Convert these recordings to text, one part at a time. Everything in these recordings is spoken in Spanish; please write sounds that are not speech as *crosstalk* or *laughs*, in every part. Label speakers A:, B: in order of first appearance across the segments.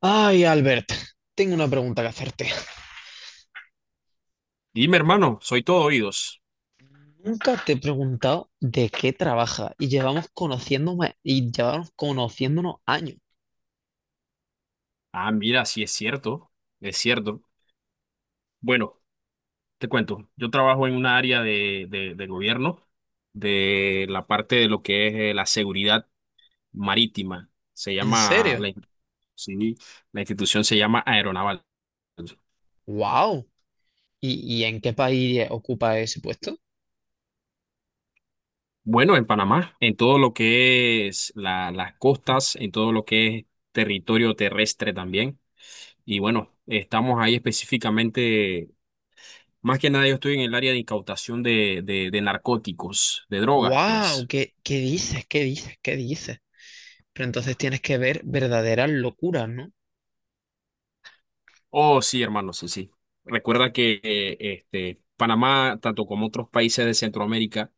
A: Ay, Albert, tengo una pregunta que hacerte.
B: Dime, hermano, soy todo oídos.
A: Nunca te he preguntado de qué trabaja y llevamos conociéndome y llevamos conociéndonos años.
B: Ah, mira, sí es cierto, es cierto. Bueno, te cuento, yo trabajo en una área de gobierno, de la parte de lo que es la seguridad marítima. Se
A: ¿En
B: llama,
A: serio?
B: sí, la institución se llama Aeronaval.
A: ¡Wow! ¿Y en qué país ocupa ese puesto?
B: Bueno, en Panamá, en todo lo que es las costas, en todo lo que es territorio terrestre también. Y bueno, estamos ahí específicamente. Más que nada yo estoy en el área de incautación de narcóticos, de drogas,
A: ¡Wow!
B: pues.
A: ¿Qué dices? ¿Qué dices? ¿Qué dices? Pero entonces tienes que ver verdaderas locuras, ¿no?
B: Oh, sí, hermano, sí, sí. Recuerda que Panamá, tanto como otros países de Centroamérica,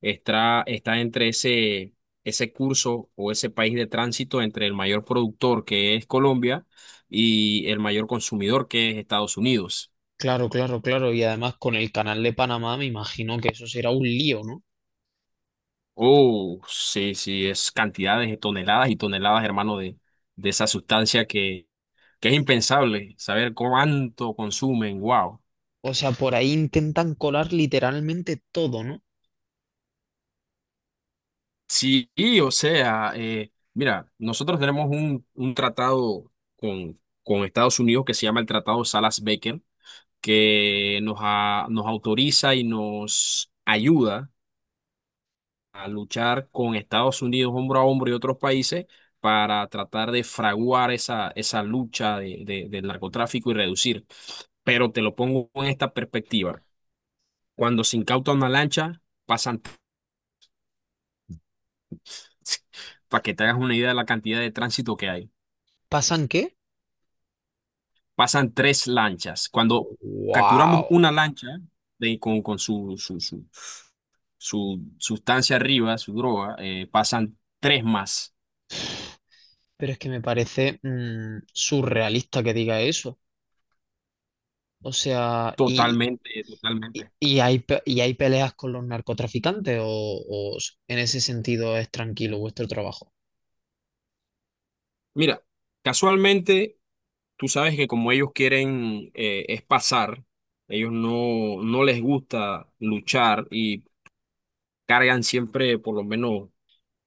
B: está entre ese curso o ese país de tránsito entre el mayor productor, que es Colombia, y el mayor consumidor, que es Estados Unidos.
A: Claro, claro, claro. Y además con el canal de Panamá me imagino que eso será un lío, ¿no?
B: Oh, sí, sí, es cantidades de toneladas y toneladas, hermano, de esa sustancia que es impensable saber cuánto consumen. Wow.
A: O sea, por ahí intentan colar literalmente todo, ¿no?
B: Sí, o sea, mira, nosotros tenemos un tratado con Estados Unidos que se llama el Tratado Salas-Becker, que nos autoriza y nos ayuda a luchar con Estados Unidos hombro a hombro y otros países para tratar de fraguar esa lucha del narcotráfico y reducir. Pero te lo pongo en esta perspectiva. Cuando se incauta una lancha, pasan, *laughs* para que te hagas una idea de la cantidad de tránsito que hay,
A: ¿Pasan qué?
B: pasan tres lanchas. Cuando capturamos
A: ¡Wow!
B: una lancha con, su sustancia arriba, su droga, pasan tres más.
A: Pero es que me parece surrealista que diga eso. O sea, y,
B: Totalmente,
A: y,
B: totalmente.
A: y hay, y hay peleas con los narcotraficantes o en ese sentido es tranquilo vuestro trabajo.
B: Mira, casualmente, tú sabes que como ellos quieren, es pasar, ellos no les gusta luchar y cargan siempre por lo menos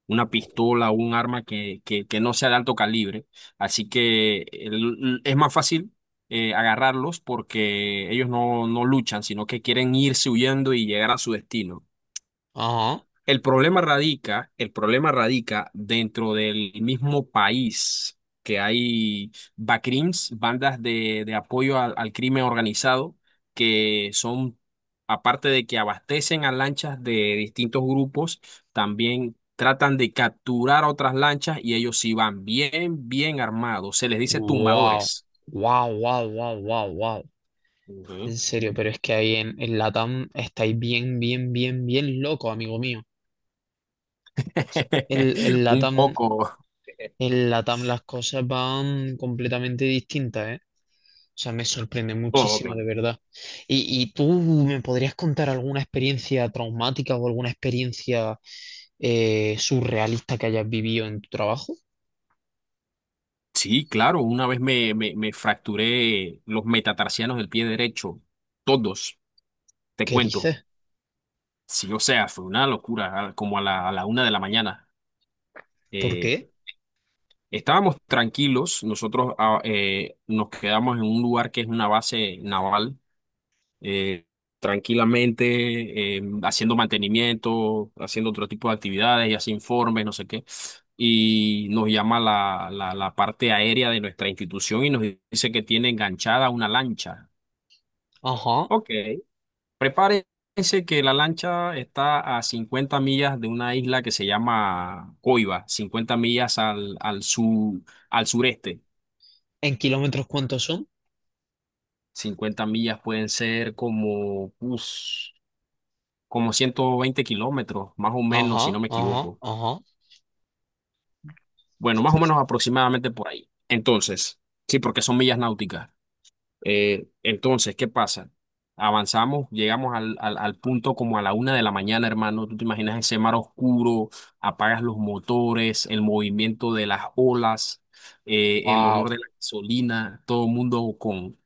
B: una pistola o un arma que no sea de alto calibre. Así que es más fácil, agarrarlos porque ellos no luchan, sino que quieren irse huyendo y llegar a su destino.
A: Ajá.
B: El problema radica dentro del mismo país, que hay bacrims, bandas de apoyo al crimen organizado, que son, aparte de que abastecen a lanchas de distintos grupos, también tratan de capturar otras lanchas y ellos sí van bien, bien armados. Se les dice
A: Wow.
B: tumbadores.
A: Wow, wow, wow, wow, wow.
B: Ujú.
A: En serio, pero es que ahí en Latam estáis bien, bien, bien, bien loco, amigo mío. En, en
B: *laughs* Un
A: Latam,
B: poco. *laughs*
A: en Latam las cosas van completamente distintas, ¿eh? Sea, me sorprende
B: Oh,
A: muchísimo, de
B: claro.
A: verdad. ¿Y tú me podrías contar alguna experiencia traumática o alguna experiencia surrealista que hayas vivido en tu trabajo?
B: Sí, claro, una vez me fracturé los metatarsianos del pie derecho, todos, te
A: ¿Qué
B: cuento.
A: dices?
B: Sí, o sea, fue una locura, a la 1 de la mañana.
A: ¿Por
B: Eh,
A: qué?
B: Estábamos tranquilos, nosotros nos quedamos en un lugar que es una base naval, eh, tranquilamente, haciendo mantenimiento, haciendo otro tipo de actividades y hace informes, no sé qué. Y nos llama la parte aérea de nuestra institución y nos dice que tiene enganchada una lancha.
A: Ajá.
B: Ok. Prepárense que la lancha está a 50 millas de una isla que se llama Coiba, 50 millas sur, al sureste.
A: ¿En kilómetros cuántos son?
B: 50 millas pueden ser como... uff, como 120 kilómetros, más o menos, si
A: Ajá,
B: no me
A: ajá,
B: equivoco.
A: ajá.
B: Bueno, más o menos aproximadamente por ahí. Entonces, sí, porque son millas náuticas. Entonces, ¿qué pasa? Avanzamos, llegamos al punto como a la 1 de la mañana, hermano. Tú te imaginas ese mar oscuro, apagas los motores, el movimiento de las olas, el
A: Wow,
B: olor de la gasolina, todo el mundo con,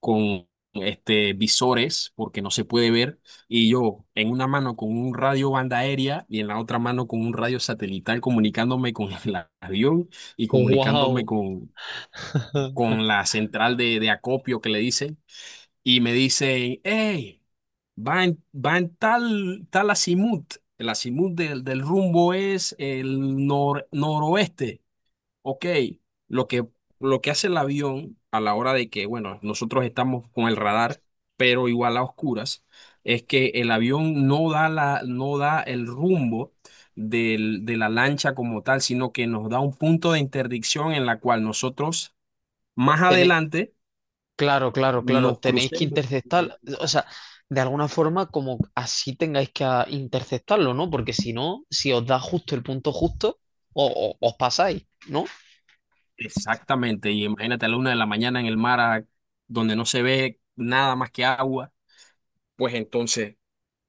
B: con visores porque no se puede ver, y yo en una mano con un radio banda aérea y en la otra mano con un radio satelital comunicándome con *laughs* el avión y comunicándome
A: wow. *laughs*
B: con la central de acopio, que le dicen, y me dicen, hey, va en tal, tal azimut. El azimut del rumbo es el nor, noroeste. Ok, lo que, lo que hace el avión a la hora de que, bueno, nosotros estamos con el radar, pero igual a oscuras, es que el avión no da la, no da el rumbo de la lancha como tal, sino que nos da un punto de interdicción en la cual nosotros más adelante
A: Claro, claro, claro.
B: nos
A: Tenéis que
B: crucemos con la
A: interceptar, o
B: lancha.
A: sea, de alguna forma como así tengáis que interceptarlo, ¿no? Porque si no, si os da justo el punto justo, os pasáis, ¿no?
B: Exactamente, y imagínate a la 1 de la mañana en el mar donde no se ve nada más que agua, pues entonces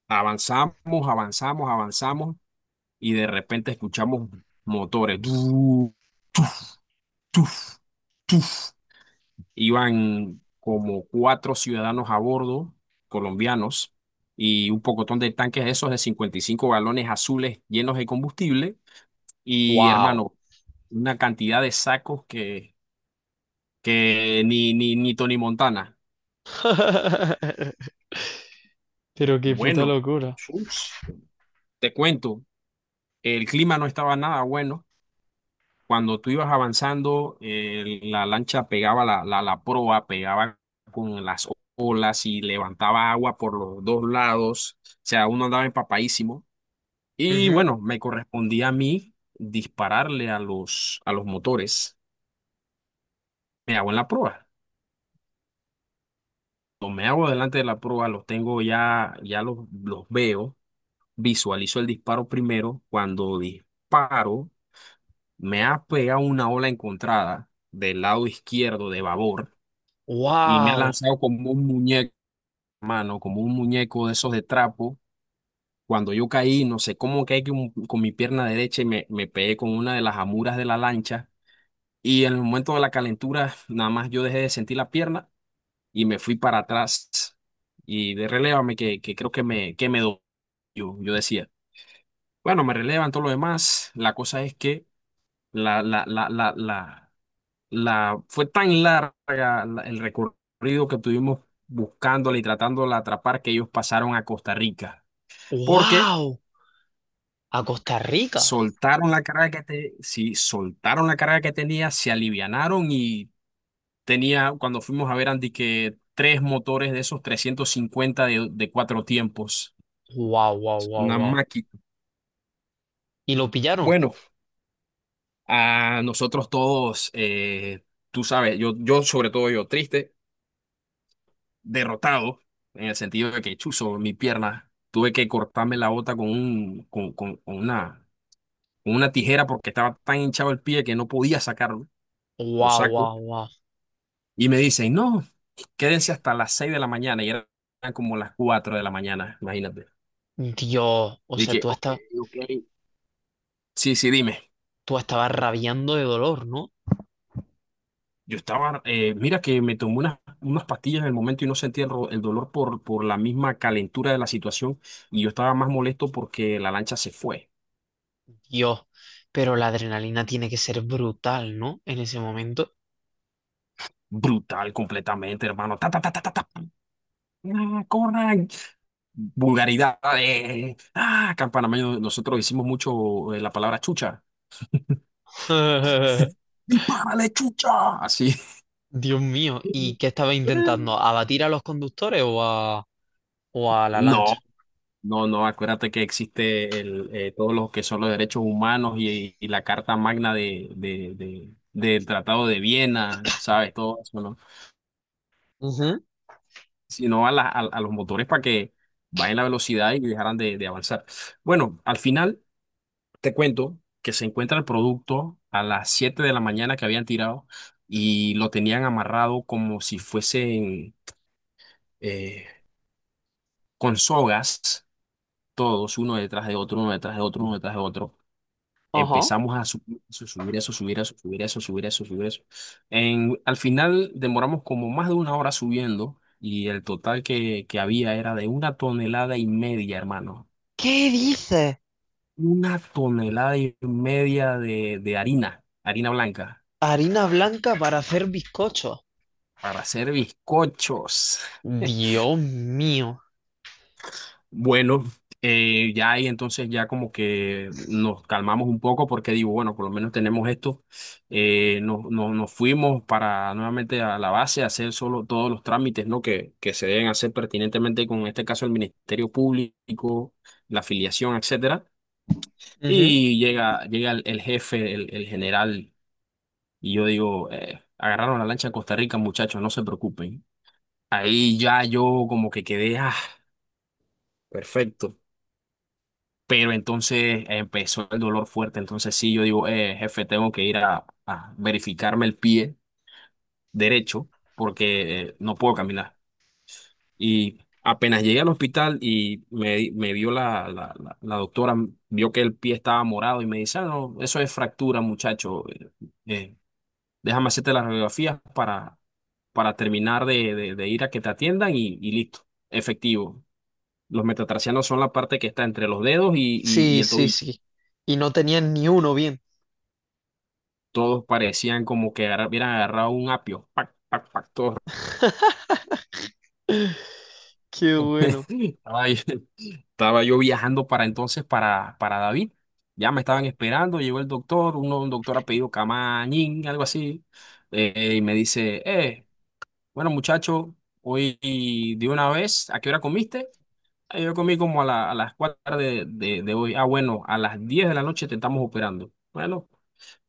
B: avanzamos, avanzamos, avanzamos y de repente escuchamos motores. ¡Tuf! ¡Tuf! ¡Tuf! ¡Tuf! Iban como cuatro ciudadanos a bordo, colombianos, y un pocotón de tanques esos de 55 galones, azules, llenos de combustible. Y
A: ¡Wow!
B: hermano, una cantidad de sacos que ni Tony Montana.
A: *laughs* Pero qué puta
B: Bueno,
A: locura.
B: chus, te cuento, el clima no estaba nada bueno. Cuando tú ibas avanzando, la lancha pegaba la proa, pegaba con las olas y levantaba agua por los dos lados. O sea, uno andaba empapadísimo. Y bueno, me correspondía a mí dispararle a los motores. Me hago en la proa. Lo Me hago delante de la proa, los tengo ya, los veo. Visualizo el disparo primero. Cuando disparo, me ha pegado una ola encontrada del lado izquierdo de babor y me ha
A: ¡Wow!
B: lanzado como un muñeco, mano, como un muñeco de esos de trapo. Cuando yo caí, no sé cómo caí con mi pierna derecha y me pegué con una de las amuras de la lancha. Y en el momento de la calentura, nada más yo dejé de sentir la pierna y me fui para atrás. Y de relévame que creo que me dolió. Yo decía, bueno, me relevan todo lo demás. La cosa es que la, la, la, la, la, fue tan larga el recorrido que tuvimos buscándola y tratándola de atrapar, que ellos pasaron a Costa Rica. Porque
A: ¡Wow! A Costa Rica.
B: soltaron la carga sí, soltaron la carga que tenía, se alivianaron y tenía, cuando fuimos a ver Andy, que tres motores de esos 350 de cuatro tiempos,
A: ¡Wow, wow, wow,
B: una
A: wow!
B: máquina.
A: ¿Y lo pillaron?
B: Bueno, a nosotros todos, tú sabes, yo sobre todo yo, triste, derrotado, en el sentido de que chuzo mi pierna, tuve que cortarme la bota con, un, con una tijera porque estaba tan hinchado el pie que no podía sacarlo, lo
A: ¡Wow,
B: saco,
A: wow, wow!
B: y me dicen, no, quédense hasta las 6 de la mañana, y eran como las 4 de la mañana, imagínate.
A: Dios, o
B: Y
A: sea,
B: dije, ok, ok, sí, sí, dime.
A: tú estabas rabiando de dolor, ¿no?
B: Yo estaba, mira que me tomé unas pastillas en el momento y no sentía el, el dolor por la misma calentura de la situación, y yo estaba más molesto porque la lancha se fue.
A: Dios, pero la adrenalina tiene que ser brutal, ¿no? En ese momento.
B: Brutal completamente, hermano. Ta, ta, ta, ta, ta, ta. Ah, corran. Vulgaridad. Ah, acá en Panamá nosotros hicimos mucho, la palabra chucha.
A: *laughs*
B: ¡Dispárale, chucha! Así.
A: Dios mío, ¿y qué estaba intentando? ¿Abatir a los conductores o a la
B: No,
A: lancha?
B: no, no. Acuérdate que existe el, todos los que son los derechos humanos y la Carta Magna de, del Tratado de Viena, ¿sabes? Todo eso, ¿no?
A: Ujú.
B: Sino a, a los motores para que bajen la velocidad y dejaran de avanzar. Bueno, al final. Te cuento que se encuentra el producto a las 7 de la mañana, que habían tirado, y lo tenían amarrado como si fuesen, eh, con sogas, todos, uno detrás de otro, uno detrás de otro, uno detrás de otro.
A: Ajá.
B: Empezamos a subir eso, subir eso, subir eso, subir eso, subir eso, subir eso. En, al final demoramos como más de una hora subiendo, y el total que había era de una tonelada y media, hermano.
A: ¿Qué dices?
B: Una tonelada y media de harina, harina blanca.
A: Harina blanca para hacer bizcochos.
B: Para hacer bizcochos.
A: Dios mío.
B: Bueno, ya ahí entonces ya como que nos calmamos un poco porque digo, bueno, por lo menos tenemos esto. Nos fuimos para nuevamente a la base a hacer solo todos los trámites, ¿no?, que se deben hacer pertinentemente con, en este caso, el Ministerio Público, la afiliación, etcétera.
A: Ujú.
B: Y llega, llega el jefe, el general, y yo digo, agarraron la lancha a Costa Rica, muchachos, no se preocupen. Ahí ya yo como que quedé, ah. Perfecto. Pero entonces empezó el dolor fuerte. Entonces sí, yo digo, jefe, tengo que ir a verificarme el pie derecho porque no puedo caminar. Y apenas llegué al hospital y me vio la doctora, vio que el pie estaba morado y me dice, "Ah, no, eso es fractura, muchacho. Eh, déjame hacerte las radiografías para terminar de, de ir a que te atiendan y listo. Efectivo. Los metatarsianos son la parte que está entre los dedos y
A: Sí,
B: el
A: sí,
B: tobillo.
A: sí. Y no tenían ni uno bien.
B: Todos parecían como que hubieran agarrado un apio. Pac, pac, pac, todos.
A: *laughs* Qué
B: *laughs*
A: bueno.
B: Yo estaba yo viajando para entonces para David. Ya me estaban esperando, llegó el doctor, uno, un doctor apellido Camañín, algo así, y me dice, bueno, muchacho, hoy de una vez, ¿a qué hora comiste? Ah, yo comí como a las 4 de hoy. Ah, bueno, a las 10 de la noche te estamos operando. Bueno,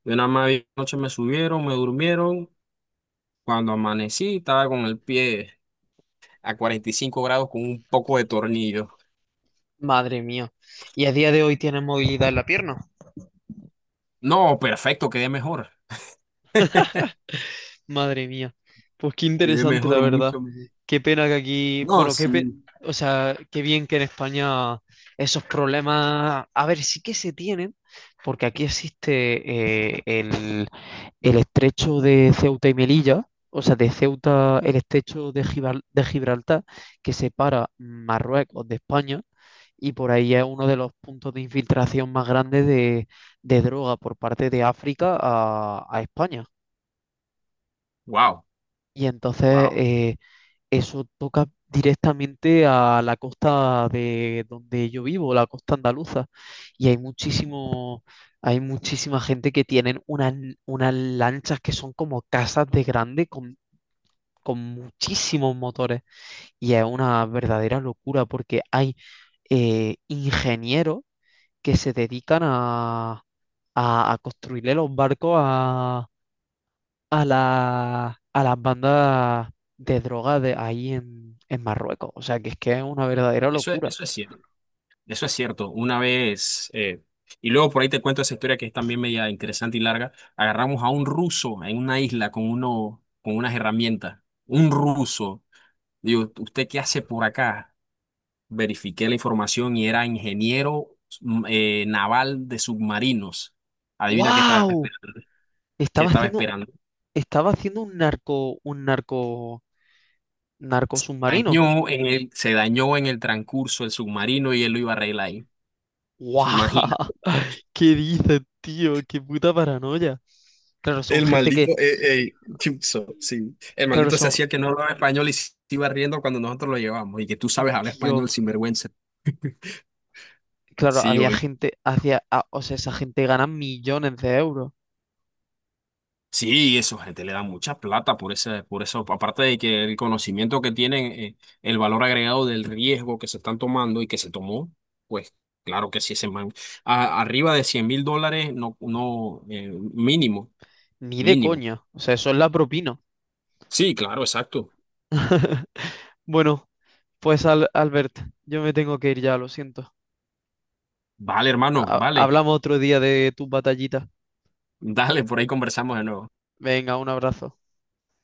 B: de una más, noche me subieron, me durmieron. Cuando amanecí, estaba con el pie a 45 grados con un poco de tornillo.
A: Madre mía. ¿Y a día de hoy tienes movilidad en la pierna?
B: No, perfecto, quedé mejor.
A: Madre mía. Pues qué
B: Quedé
A: interesante, la
B: mejor,
A: verdad.
B: mucho mejor.
A: Qué pena que aquí,
B: No,
A: bueno,
B: sí.
A: o sea, qué bien que en España esos problemas, a ver, sí que se tienen, porque aquí existe el estrecho de Ceuta y Melilla, o sea, de Ceuta, el estrecho de Gibraltar, que separa Marruecos de España, y por ahí es uno de los puntos de infiltración más grandes de droga por parte de África a España.
B: Wow,
A: Y entonces
B: wow.
A: eso toca directamente a la costa de donde yo vivo, la costa andaluza. Y hay muchísimo, hay muchísima gente que tienen unas, unas lanchas que son como casas de grande con muchísimos motores. Y es una verdadera locura porque hay ingenieros que se dedican a construirle los barcos a la, a las bandas de droga de ahí en Marruecos. O sea, que es una verdadera locura.
B: Eso es cierto. Eso es cierto. Una vez, y luego por ahí te cuento esa historia, que es también media interesante y larga. Agarramos a un ruso en una isla con con unas herramientas. Un ruso. Digo, ¿usted qué hace por acá? Verifiqué la información y era ingeniero naval de submarinos. Adivina qué estaba
A: ¡Wow!
B: esperando. ¿Qué
A: Estaba
B: estaba
A: haciendo,
B: esperando?
A: estaba haciendo un narco, narco submarino.
B: Dañó en el, se dañó en el transcurso el submarino y él lo iba a arreglar ahí. *laughs*
A: ¡Wow!
B: Imagínate.
A: *laughs* ¿Qué dices, tío? ¡Qué puta paranoia! Claro, son
B: El
A: gente que,
B: maldito, Chipso, sí. El
A: claro,
B: maldito se
A: son,
B: hacía que no hablaba español y se iba riendo cuando nosotros lo llevamos. Y que tú sabes hablar
A: tío
B: español sin vergüenza.
A: claro,
B: Sí,
A: había
B: oye.
A: gente o sea, esa gente gana millones de euros.
B: Sí, eso, gente le da mucha plata por por eso, aparte de que el conocimiento que tienen, el valor agregado del riesgo que se están tomando y que se tomó, pues claro que sí, ese man, arriba de 100.000 dólares, no, no, mínimo,
A: Ni de
B: mínimo.
A: coña. O sea, eso es la propina.
B: Sí, claro, exacto.
A: *laughs* Bueno, pues Albert, yo me tengo que ir ya, lo siento.
B: Vale, hermano, vale.
A: Hablamos otro día de tus batallitas.
B: Dale, por ahí conversamos de nuevo.
A: Venga, un abrazo.